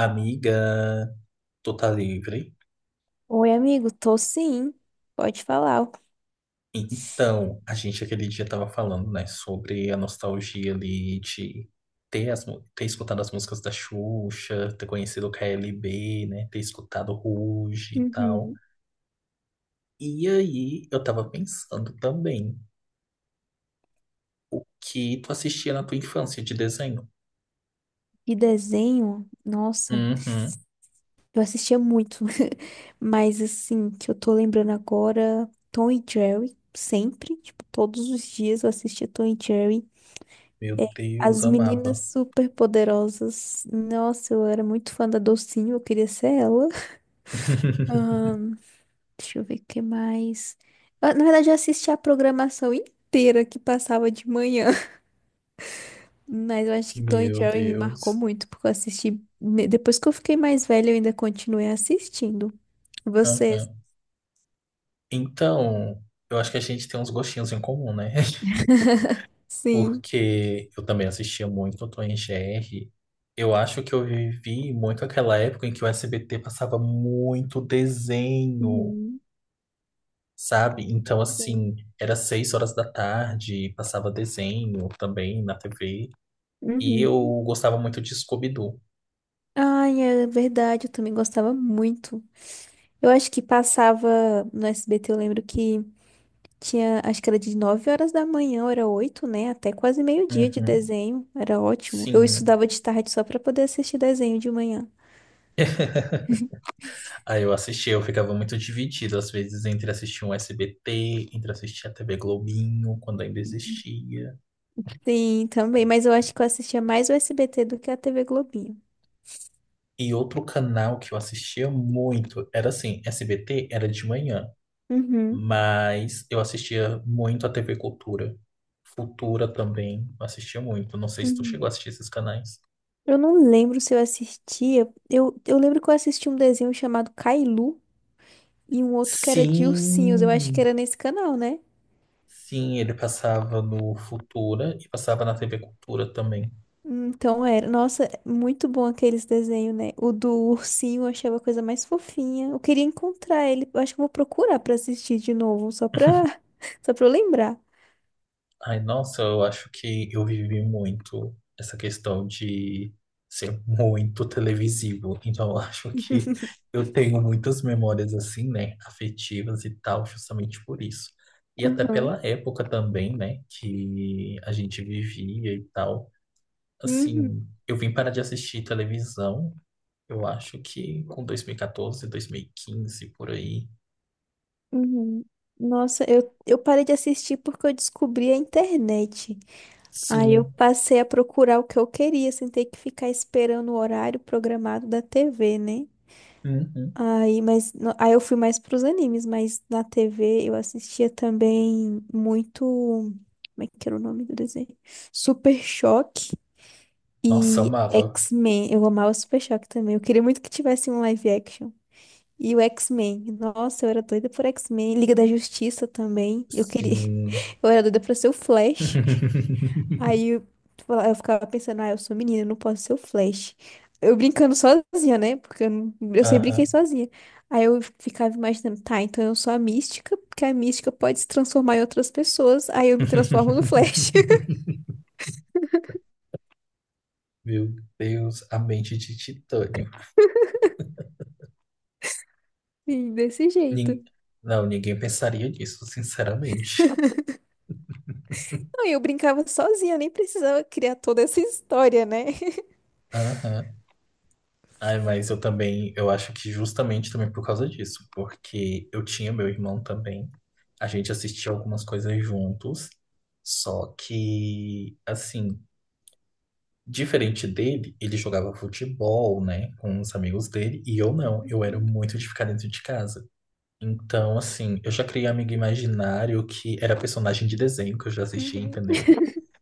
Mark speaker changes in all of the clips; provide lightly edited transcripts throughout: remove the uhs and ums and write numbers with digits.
Speaker 1: Amiga, tu tá livre?
Speaker 2: Oi, amigo, tô sim. Pode falar.
Speaker 1: Então, a gente aquele dia tava falando, né, sobre a nostalgia ali de ter escutado as músicas da Xuxa, ter conhecido o KLB, né, ter escutado Ruge e tal.
Speaker 2: Uhum.
Speaker 1: E aí, eu tava pensando também que tu assistia na tua infância de desenho.
Speaker 2: De desenho, nossa,
Speaker 1: Uhum.
Speaker 2: eu assistia muito. Mas assim, que eu tô lembrando agora, Tom e Jerry, sempre, tipo, todos os dias eu assistia Tom e Jerry.
Speaker 1: Meu Deus,
Speaker 2: As meninas
Speaker 1: amava.
Speaker 2: super poderosas. Nossa, eu era muito fã da Docinho, eu queria ser ela. Ahn, Deixa eu ver o que mais. Na verdade, eu assistia a programação inteira que passava de manhã. Mas eu acho que Tom e
Speaker 1: Meu
Speaker 2: Jerry me marcou
Speaker 1: Deus.
Speaker 2: muito, porque eu assisti. Depois que eu fiquei mais velha, eu ainda continuei assistindo.
Speaker 1: Aham.
Speaker 2: Vocês?
Speaker 1: Então, eu acho que a gente tem uns gostinhos em comum, né?
Speaker 2: Sim.
Speaker 1: Porque eu também assistia muito o Tom e Jerry. Eu acho que eu vivi muito aquela época em que o SBT passava muito desenho,
Speaker 2: Uhum.
Speaker 1: sabe? Então,
Speaker 2: Sim.
Speaker 1: assim, era seis horas da tarde, passava desenho também na TV. E eu
Speaker 2: Uhum.
Speaker 1: gostava muito de Scooby-Doo.
Speaker 2: Ai, é verdade, eu também gostava muito. Eu acho que passava no SBT, eu lembro que tinha, acho que era de 9 horas da manhã, ou era oito, né? Até quase meio-dia de
Speaker 1: Uhum,
Speaker 2: desenho, era ótimo. Eu
Speaker 1: sim.
Speaker 2: estudava de tarde só pra poder assistir desenho de manhã.
Speaker 1: Aí eu assistia, eu ficava muito dividido, às vezes, entre assistir um SBT, entre assistir a TV Globinho, quando ainda existia.
Speaker 2: Sim, também, mas eu acho que eu assistia mais o SBT do que a TV Globinho.
Speaker 1: E outro canal que eu assistia muito era assim, SBT era de manhã,
Speaker 2: Uhum.
Speaker 1: mas eu assistia muito a TV Cultura. Futura também, assistia muito. Não sei se tu
Speaker 2: Uhum.
Speaker 1: chegou a assistir esses canais.
Speaker 2: Eu não lembro se eu assistia. Eu lembro que eu assisti um desenho chamado Cailu e um outro que era de ursinhos. Eu acho que
Speaker 1: Sim,
Speaker 2: era nesse canal, né?
Speaker 1: sim, ele passava no Futura e passava na TV Cultura também.
Speaker 2: Então era. Nossa, muito bom aqueles desenhos, né? O do ursinho eu achava a coisa mais fofinha. Eu queria encontrar ele. Eu acho que eu vou procurar pra assistir de novo, só pra, só pra eu lembrar.
Speaker 1: Ai, nossa, eu acho que eu vivi muito essa questão de ser muito televisivo. Então, eu acho que eu tenho muitas memórias assim, né, afetivas e tal, justamente por isso. E até
Speaker 2: Aham.
Speaker 1: pela época também, né, que a gente vivia e tal.
Speaker 2: Uhum.
Speaker 1: Assim, eu vim parar de assistir televisão, eu acho que com dois mil e quatorze, 2015 por aí.
Speaker 2: Uhum. Nossa, eu parei de assistir porque eu descobri a internet. Aí eu
Speaker 1: Sim.
Speaker 2: passei a procurar o que eu queria, sem ter que ficar esperando o horário programado da TV, né?
Speaker 1: Uhum.
Speaker 2: Aí, mas, no- aí eu fui mais pros animes, mas na TV eu assistia também muito. Como é que era o nome do desenho? Super Choque
Speaker 1: Nossa,
Speaker 2: e
Speaker 1: amava.
Speaker 2: X-Men. Eu amava Super Choque também. Eu queria muito que tivesse um live action. E o X-Men. Nossa, eu era doida por X-Men. Liga da Justiça também. Eu queria.
Speaker 1: Sim.
Speaker 2: Eu era doida pra ser o Flash. Aí eu, eu ficava pensando, ah, eu sou menina, eu não posso ser o Flash. Eu brincando sozinha, né? Porque eu, não- Eu sempre brinquei
Speaker 1: Aham.
Speaker 2: sozinha. Aí eu ficava imaginando, tá, então eu sou a mística, porque a mística pode se transformar em outras pessoas, aí eu me transformo no Flash.
Speaker 1: Meu Deus, a mente de titânio.
Speaker 2: Sim, desse jeito.
Speaker 1: Nin- Não, ninguém pensaria nisso, sinceramente.
Speaker 2: Não, e eu brincava sozinha, nem precisava criar toda essa história, né?
Speaker 1: Aham. Ai, mas eu também, eu acho que justamente também por causa disso, porque eu tinha meu irmão também. A gente assistia algumas coisas juntos, só que, assim, diferente dele, ele jogava futebol, né, com os amigos dele, e eu não. Eu era muito de ficar dentro de casa. Então, assim, eu já criei amigo imaginário que era personagem de desenho que eu já assistia,
Speaker 2: Uhum,
Speaker 1: entendeu?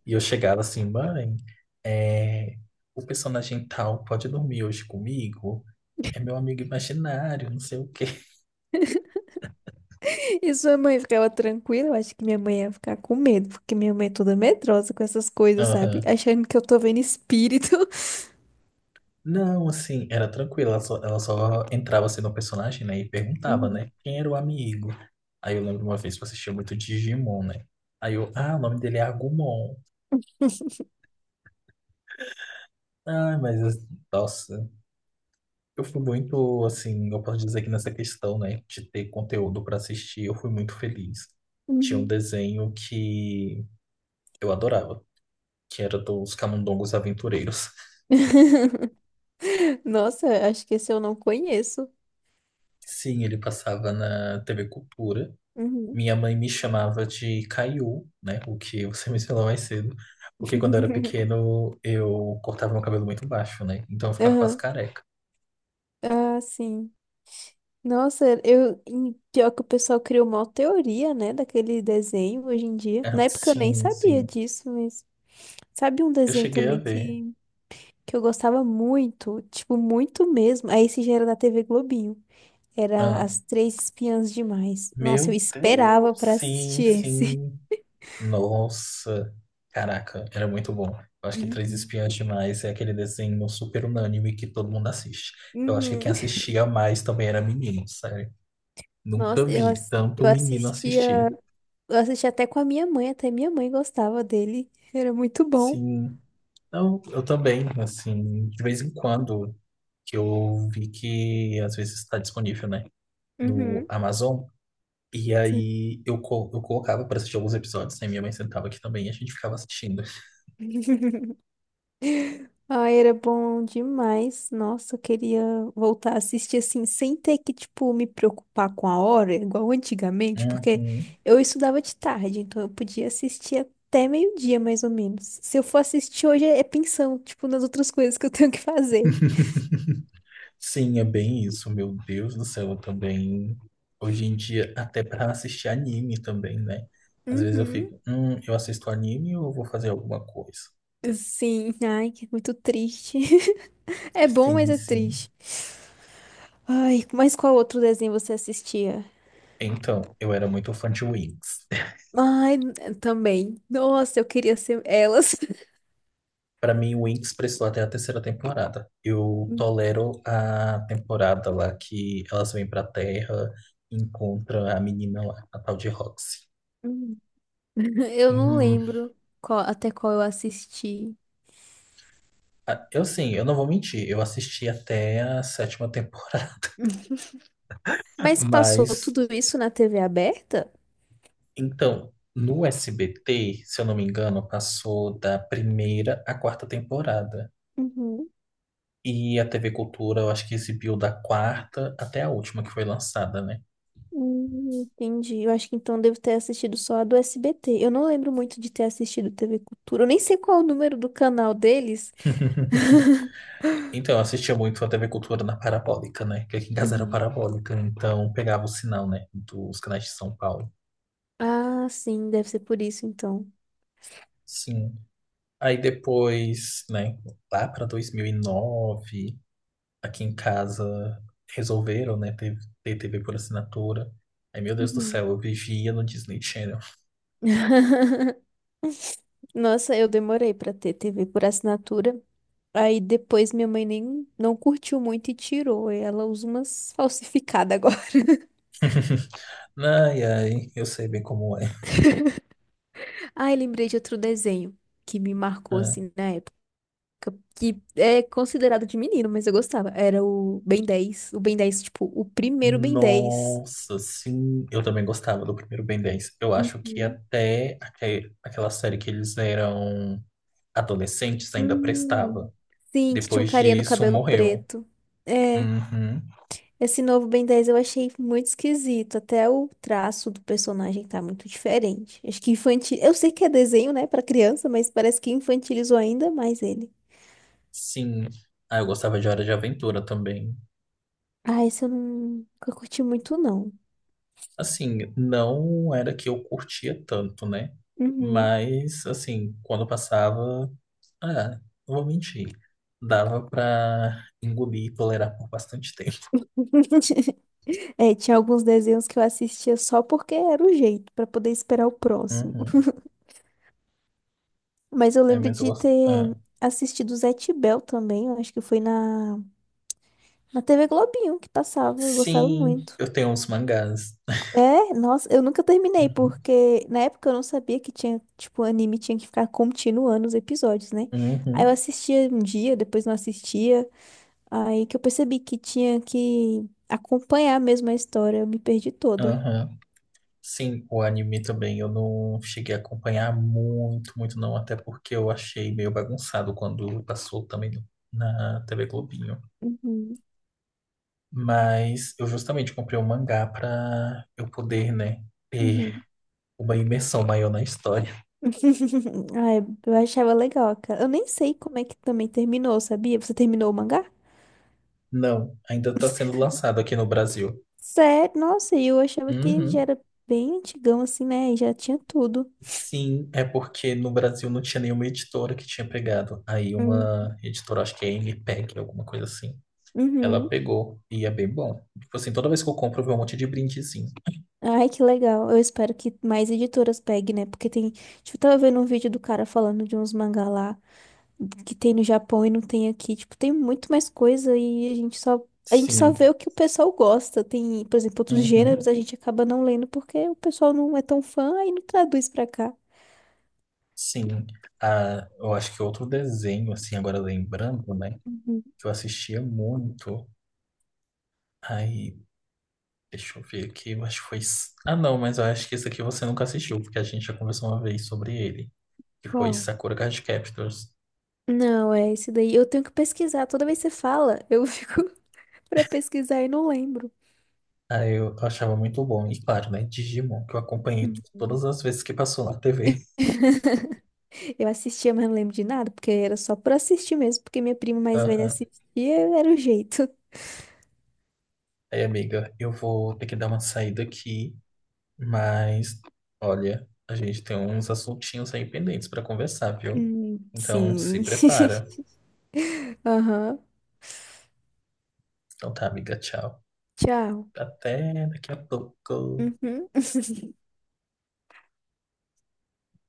Speaker 1: E eu chegava assim: mãe, é, o personagem tal pode dormir hoje comigo?
Speaker 2: uhum.
Speaker 1: É meu amigo imaginário, não sei o quê.
Speaker 2: E sua mãe ficava tranquila? Eu acho que minha mãe ia ficar com medo, porque minha mãe é toda medrosa com essas coisas, sabe?
Speaker 1: Aham.
Speaker 2: Achando que eu tô vendo espírito.
Speaker 1: Não, assim, era tranquilo, ela só entrava assim no personagem, né, e perguntava,
Speaker 2: Uhum,
Speaker 1: né, quem era o amigo? Aí eu lembro uma vez que eu assistia muito Digimon, né? Aí eu, ah, o nome dele é Agumon. Ah, mas, nossa. Eu fui muito, assim, eu posso dizer que nessa questão, né, de ter conteúdo para assistir, eu fui muito feliz. Tinha um
Speaker 2: uhum.
Speaker 1: desenho que eu adorava, que era dos Camundongos Aventureiros.
Speaker 2: Nossa, acho que esse eu não conheço.
Speaker 1: Sim, ele passava na TV Cultura.
Speaker 2: Uhum.
Speaker 1: Minha mãe me chamava de Caiu, né, o que você mencionou mais cedo, porque quando eu era pequeno eu cortava meu cabelo muito baixo, né, então eu ficava quase
Speaker 2: Aham.
Speaker 1: careca.
Speaker 2: Ah, sim. Nossa, eu, e pior que o pessoal criou uma teoria, né, daquele desenho hoje em dia.
Speaker 1: Ah,
Speaker 2: Na época eu nem
Speaker 1: sim,
Speaker 2: sabia
Speaker 1: sim,
Speaker 2: disso, mas sabe um
Speaker 1: eu
Speaker 2: desenho
Speaker 1: cheguei a
Speaker 2: também
Speaker 1: ver.
Speaker 2: que eu gostava muito, tipo, muito mesmo. Aí esse já era da TV Globinho. Era
Speaker 1: Ah,
Speaker 2: As Três Espiãs Demais. Nossa, eu
Speaker 1: meu Deus,
Speaker 2: esperava pra
Speaker 1: sim,
Speaker 2: assistir esse.
Speaker 1: sim. Nossa, caraca, era muito bom. Eu acho que Três
Speaker 2: Uhum.
Speaker 1: Espiãs Demais é aquele desenho super unânime que todo mundo assiste. Eu acho que quem
Speaker 2: Uhum.
Speaker 1: assistia mais também era menino, sério. Nunca vi tanto
Speaker 2: Eu
Speaker 1: menino
Speaker 2: assistia,
Speaker 1: assistir.
Speaker 2: eu assistia até com a minha mãe, até minha mãe gostava dele. Era muito bom.
Speaker 1: Sim, não, eu também, assim, de vez em quando que eu vi que às vezes está disponível, né, no
Speaker 2: Uhum.
Speaker 1: Amazon. E
Speaker 2: Sim.
Speaker 1: aí eu colocava para assistir alguns episódios, né? Minha mãe sentava aqui também e a gente ficava assistindo.
Speaker 2: Ai, era bom demais. Nossa, eu queria voltar a assistir assim, sem ter que, tipo, me preocupar com a hora, igual antigamente, porque
Speaker 1: Uhum.
Speaker 2: eu estudava de tarde, então eu podia assistir até meio-dia, mais ou menos. Se eu for assistir hoje, é pensão, tipo, nas outras coisas que eu tenho que fazer.
Speaker 1: Sim, é bem isso. Meu Deus do céu, eu também. Hoje em dia, até para assistir anime também, né? Às vezes eu
Speaker 2: Uhum.
Speaker 1: fico, eu assisto anime ou eu vou fazer alguma coisa?
Speaker 2: Sim, ai, que muito triste. É bom, mas
Speaker 1: Sim,
Speaker 2: é
Speaker 1: sim.
Speaker 2: triste. Ai, mas qual outro desenho você assistia?
Speaker 1: Então, eu era muito fã de Wings.
Speaker 2: Ai, também. Nossa, eu queria ser elas.
Speaker 1: Para mim, Wings prestou até a terceira temporada. Eu tolero a temporada lá que elas vêm pra Terra e encontram a menina lá, a tal de Roxy.
Speaker 2: Eu não
Speaker 1: Hum,
Speaker 2: lembro até qual eu assisti.
Speaker 1: ah, eu sim, eu não vou mentir, eu assisti até a sétima temporada,
Speaker 2: Mas passou
Speaker 1: mas
Speaker 2: tudo isso na TV aberta?
Speaker 1: então, no SBT, se eu não me engano, passou da primeira à quarta temporada.
Speaker 2: Uhum.
Speaker 1: E a TV Cultura, eu acho que exibiu da quarta até a última que foi lançada, né?
Speaker 2: Entendi. Eu acho que então devo ter assistido só a do SBT. Eu não lembro muito de ter assistido TV Cultura. Eu nem sei qual é o número do canal deles.
Speaker 1: Então, eu assistia muito a TV Cultura na Parabólica, né? Porque aqui em casa era
Speaker 2: Uhum.
Speaker 1: Parabólica, então pegava o sinal, né? Dos canais de São Paulo.
Speaker 2: Ah, sim, deve ser por isso então.
Speaker 1: Sim. Aí depois, né? Lá para 2009. Aqui em casa resolveram, né, ter TV por assinatura. Ai, meu Deus do
Speaker 2: Uhum.
Speaker 1: céu, eu vivia no Disney Channel.
Speaker 2: Nossa, eu demorei pra ter TV por assinatura. Aí depois minha mãe nem não curtiu muito e tirou. E ela usa umas falsificadas agora.
Speaker 1: Ai, ai, eu sei bem como é.
Speaker 2: Ai, lembrei de outro desenho que me marcou
Speaker 1: Ah,
Speaker 2: assim na época, que é considerado de menino, mas eu gostava. Era o Ben 10, o Ben 10, tipo, o primeiro Ben 10.
Speaker 1: nossa, sim, eu também gostava do primeiro Ben 10. Eu acho que
Speaker 2: Uhum.
Speaker 1: até aquela série que eles eram adolescentes ainda
Speaker 2: Hum.
Speaker 1: prestava.
Speaker 2: Sim, que tinha um
Speaker 1: Depois
Speaker 2: carinha no
Speaker 1: disso,
Speaker 2: cabelo
Speaker 1: morreu.
Speaker 2: preto. É,
Speaker 1: Uhum,
Speaker 2: esse novo Ben 10 eu achei muito esquisito. Até o traço do personagem tá muito diferente. Acho que infantil. Eu sei que é desenho, né, pra criança, mas parece que infantilizou ainda mais ele.
Speaker 1: sim. Ah, eu gostava de Hora de Aventura também.
Speaker 2: Ah, esse eu não nunca curti muito, não.
Speaker 1: Assim, não era que eu curtia tanto, né?
Speaker 2: Uhum.
Speaker 1: Mas, assim, quando passava, ah, não vou mentir, dava pra engolir e tolerar por bastante tempo.
Speaker 2: É, tinha alguns desenhos que eu assistia só porque era o jeito, pra poder esperar o próximo.
Speaker 1: Uhum.
Speaker 2: Mas eu
Speaker 1: É,
Speaker 2: lembro
Speaker 1: mas eu
Speaker 2: de
Speaker 1: gosto. Ah.
Speaker 2: ter assistido o Zé Tibel também, eu acho que foi na TV Globinho que passava, eu gostava
Speaker 1: Sim,
Speaker 2: muito.
Speaker 1: eu tenho uns mangás.
Speaker 2: É, nossa, eu nunca terminei,
Speaker 1: Uhum.
Speaker 2: porque na época eu não sabia que tinha, tipo, anime tinha que ficar continuando os episódios, né? Aí eu
Speaker 1: Uhum.
Speaker 2: assistia um dia, depois não assistia, aí que eu percebi que tinha que acompanhar mesmo a história, eu me perdi toda.
Speaker 1: Aham. Sim, o anime também eu não cheguei a acompanhar muito, muito não, até porque eu achei meio bagunçado quando passou também na TV Globinho.
Speaker 2: Uhum,
Speaker 1: Mas eu justamente comprei o mangá pra eu poder, né, ter
Speaker 2: uhum.
Speaker 1: uma imersão maior na história.
Speaker 2: Ai, eu achava legal, cara. Eu nem sei como é que também terminou, sabia? Você terminou o mangá?
Speaker 1: Não, ainda tá sendo lançado aqui no Brasil.
Speaker 2: Sério? Nossa, e eu achava que já
Speaker 1: Uhum.
Speaker 2: era bem antigão, assim, né? E já tinha tudo.
Speaker 1: Sim, é porque no Brasil não tinha nenhuma editora que tinha pegado. Aí
Speaker 2: Hum.
Speaker 1: uma editora, acho que é MPEG, alguma coisa assim. Ela
Speaker 2: Uhum.
Speaker 1: pegou e é bem bom. Tipo assim, toda vez que eu compro, eu vejo um monte de brindezinho.
Speaker 2: Ai, que legal. Eu espero que mais editoras peguem, né? Porque tem. Tipo, eu tava vendo um vídeo do cara falando de uns mangá lá que tem no Japão e não tem aqui. Tipo, tem muito mais coisa e a gente só
Speaker 1: Sim.
Speaker 2: vê o que o pessoal gosta. Tem, por exemplo, outros gêneros
Speaker 1: Uhum.
Speaker 2: a gente acaba não lendo porque o pessoal não é tão fã aí não traduz pra cá.
Speaker 1: Sim. Ah, eu acho que outro desenho, assim, agora lembrando, né?
Speaker 2: Uhum.
Speaker 1: Que eu assistia muito. Aí deixa eu ver aqui, eu acho que foi. Ah, não, mas eu acho que esse aqui você nunca assistiu, porque a gente já conversou uma vez sobre ele, que foi
Speaker 2: Uau.
Speaker 1: Sakura Card Captors.
Speaker 2: Não, é esse daí. Eu tenho que pesquisar. Toda vez que você fala, eu fico pra pesquisar e não lembro.
Speaker 1: Aí eu achava muito bom, e claro, né? Digimon, que eu acompanhei
Speaker 2: Uhum.
Speaker 1: todas as vezes que passou na TV.
Speaker 2: Eu assistia, mas não lembro de nada, porque era só por assistir mesmo, porque minha prima mais velha
Speaker 1: Aham.
Speaker 2: assistia, era o jeito.
Speaker 1: Aí, amiga, eu vou ter que dar uma saída aqui, mas olha, a gente tem uns assuntinhos aí pendentes pra conversar, viu? Então se
Speaker 2: Sim.
Speaker 1: prepara.
Speaker 2: Aham.
Speaker 1: Então tá, amiga, tchau.
Speaker 2: Tchau.
Speaker 1: Até daqui a pouco.
Speaker 2: Uhum.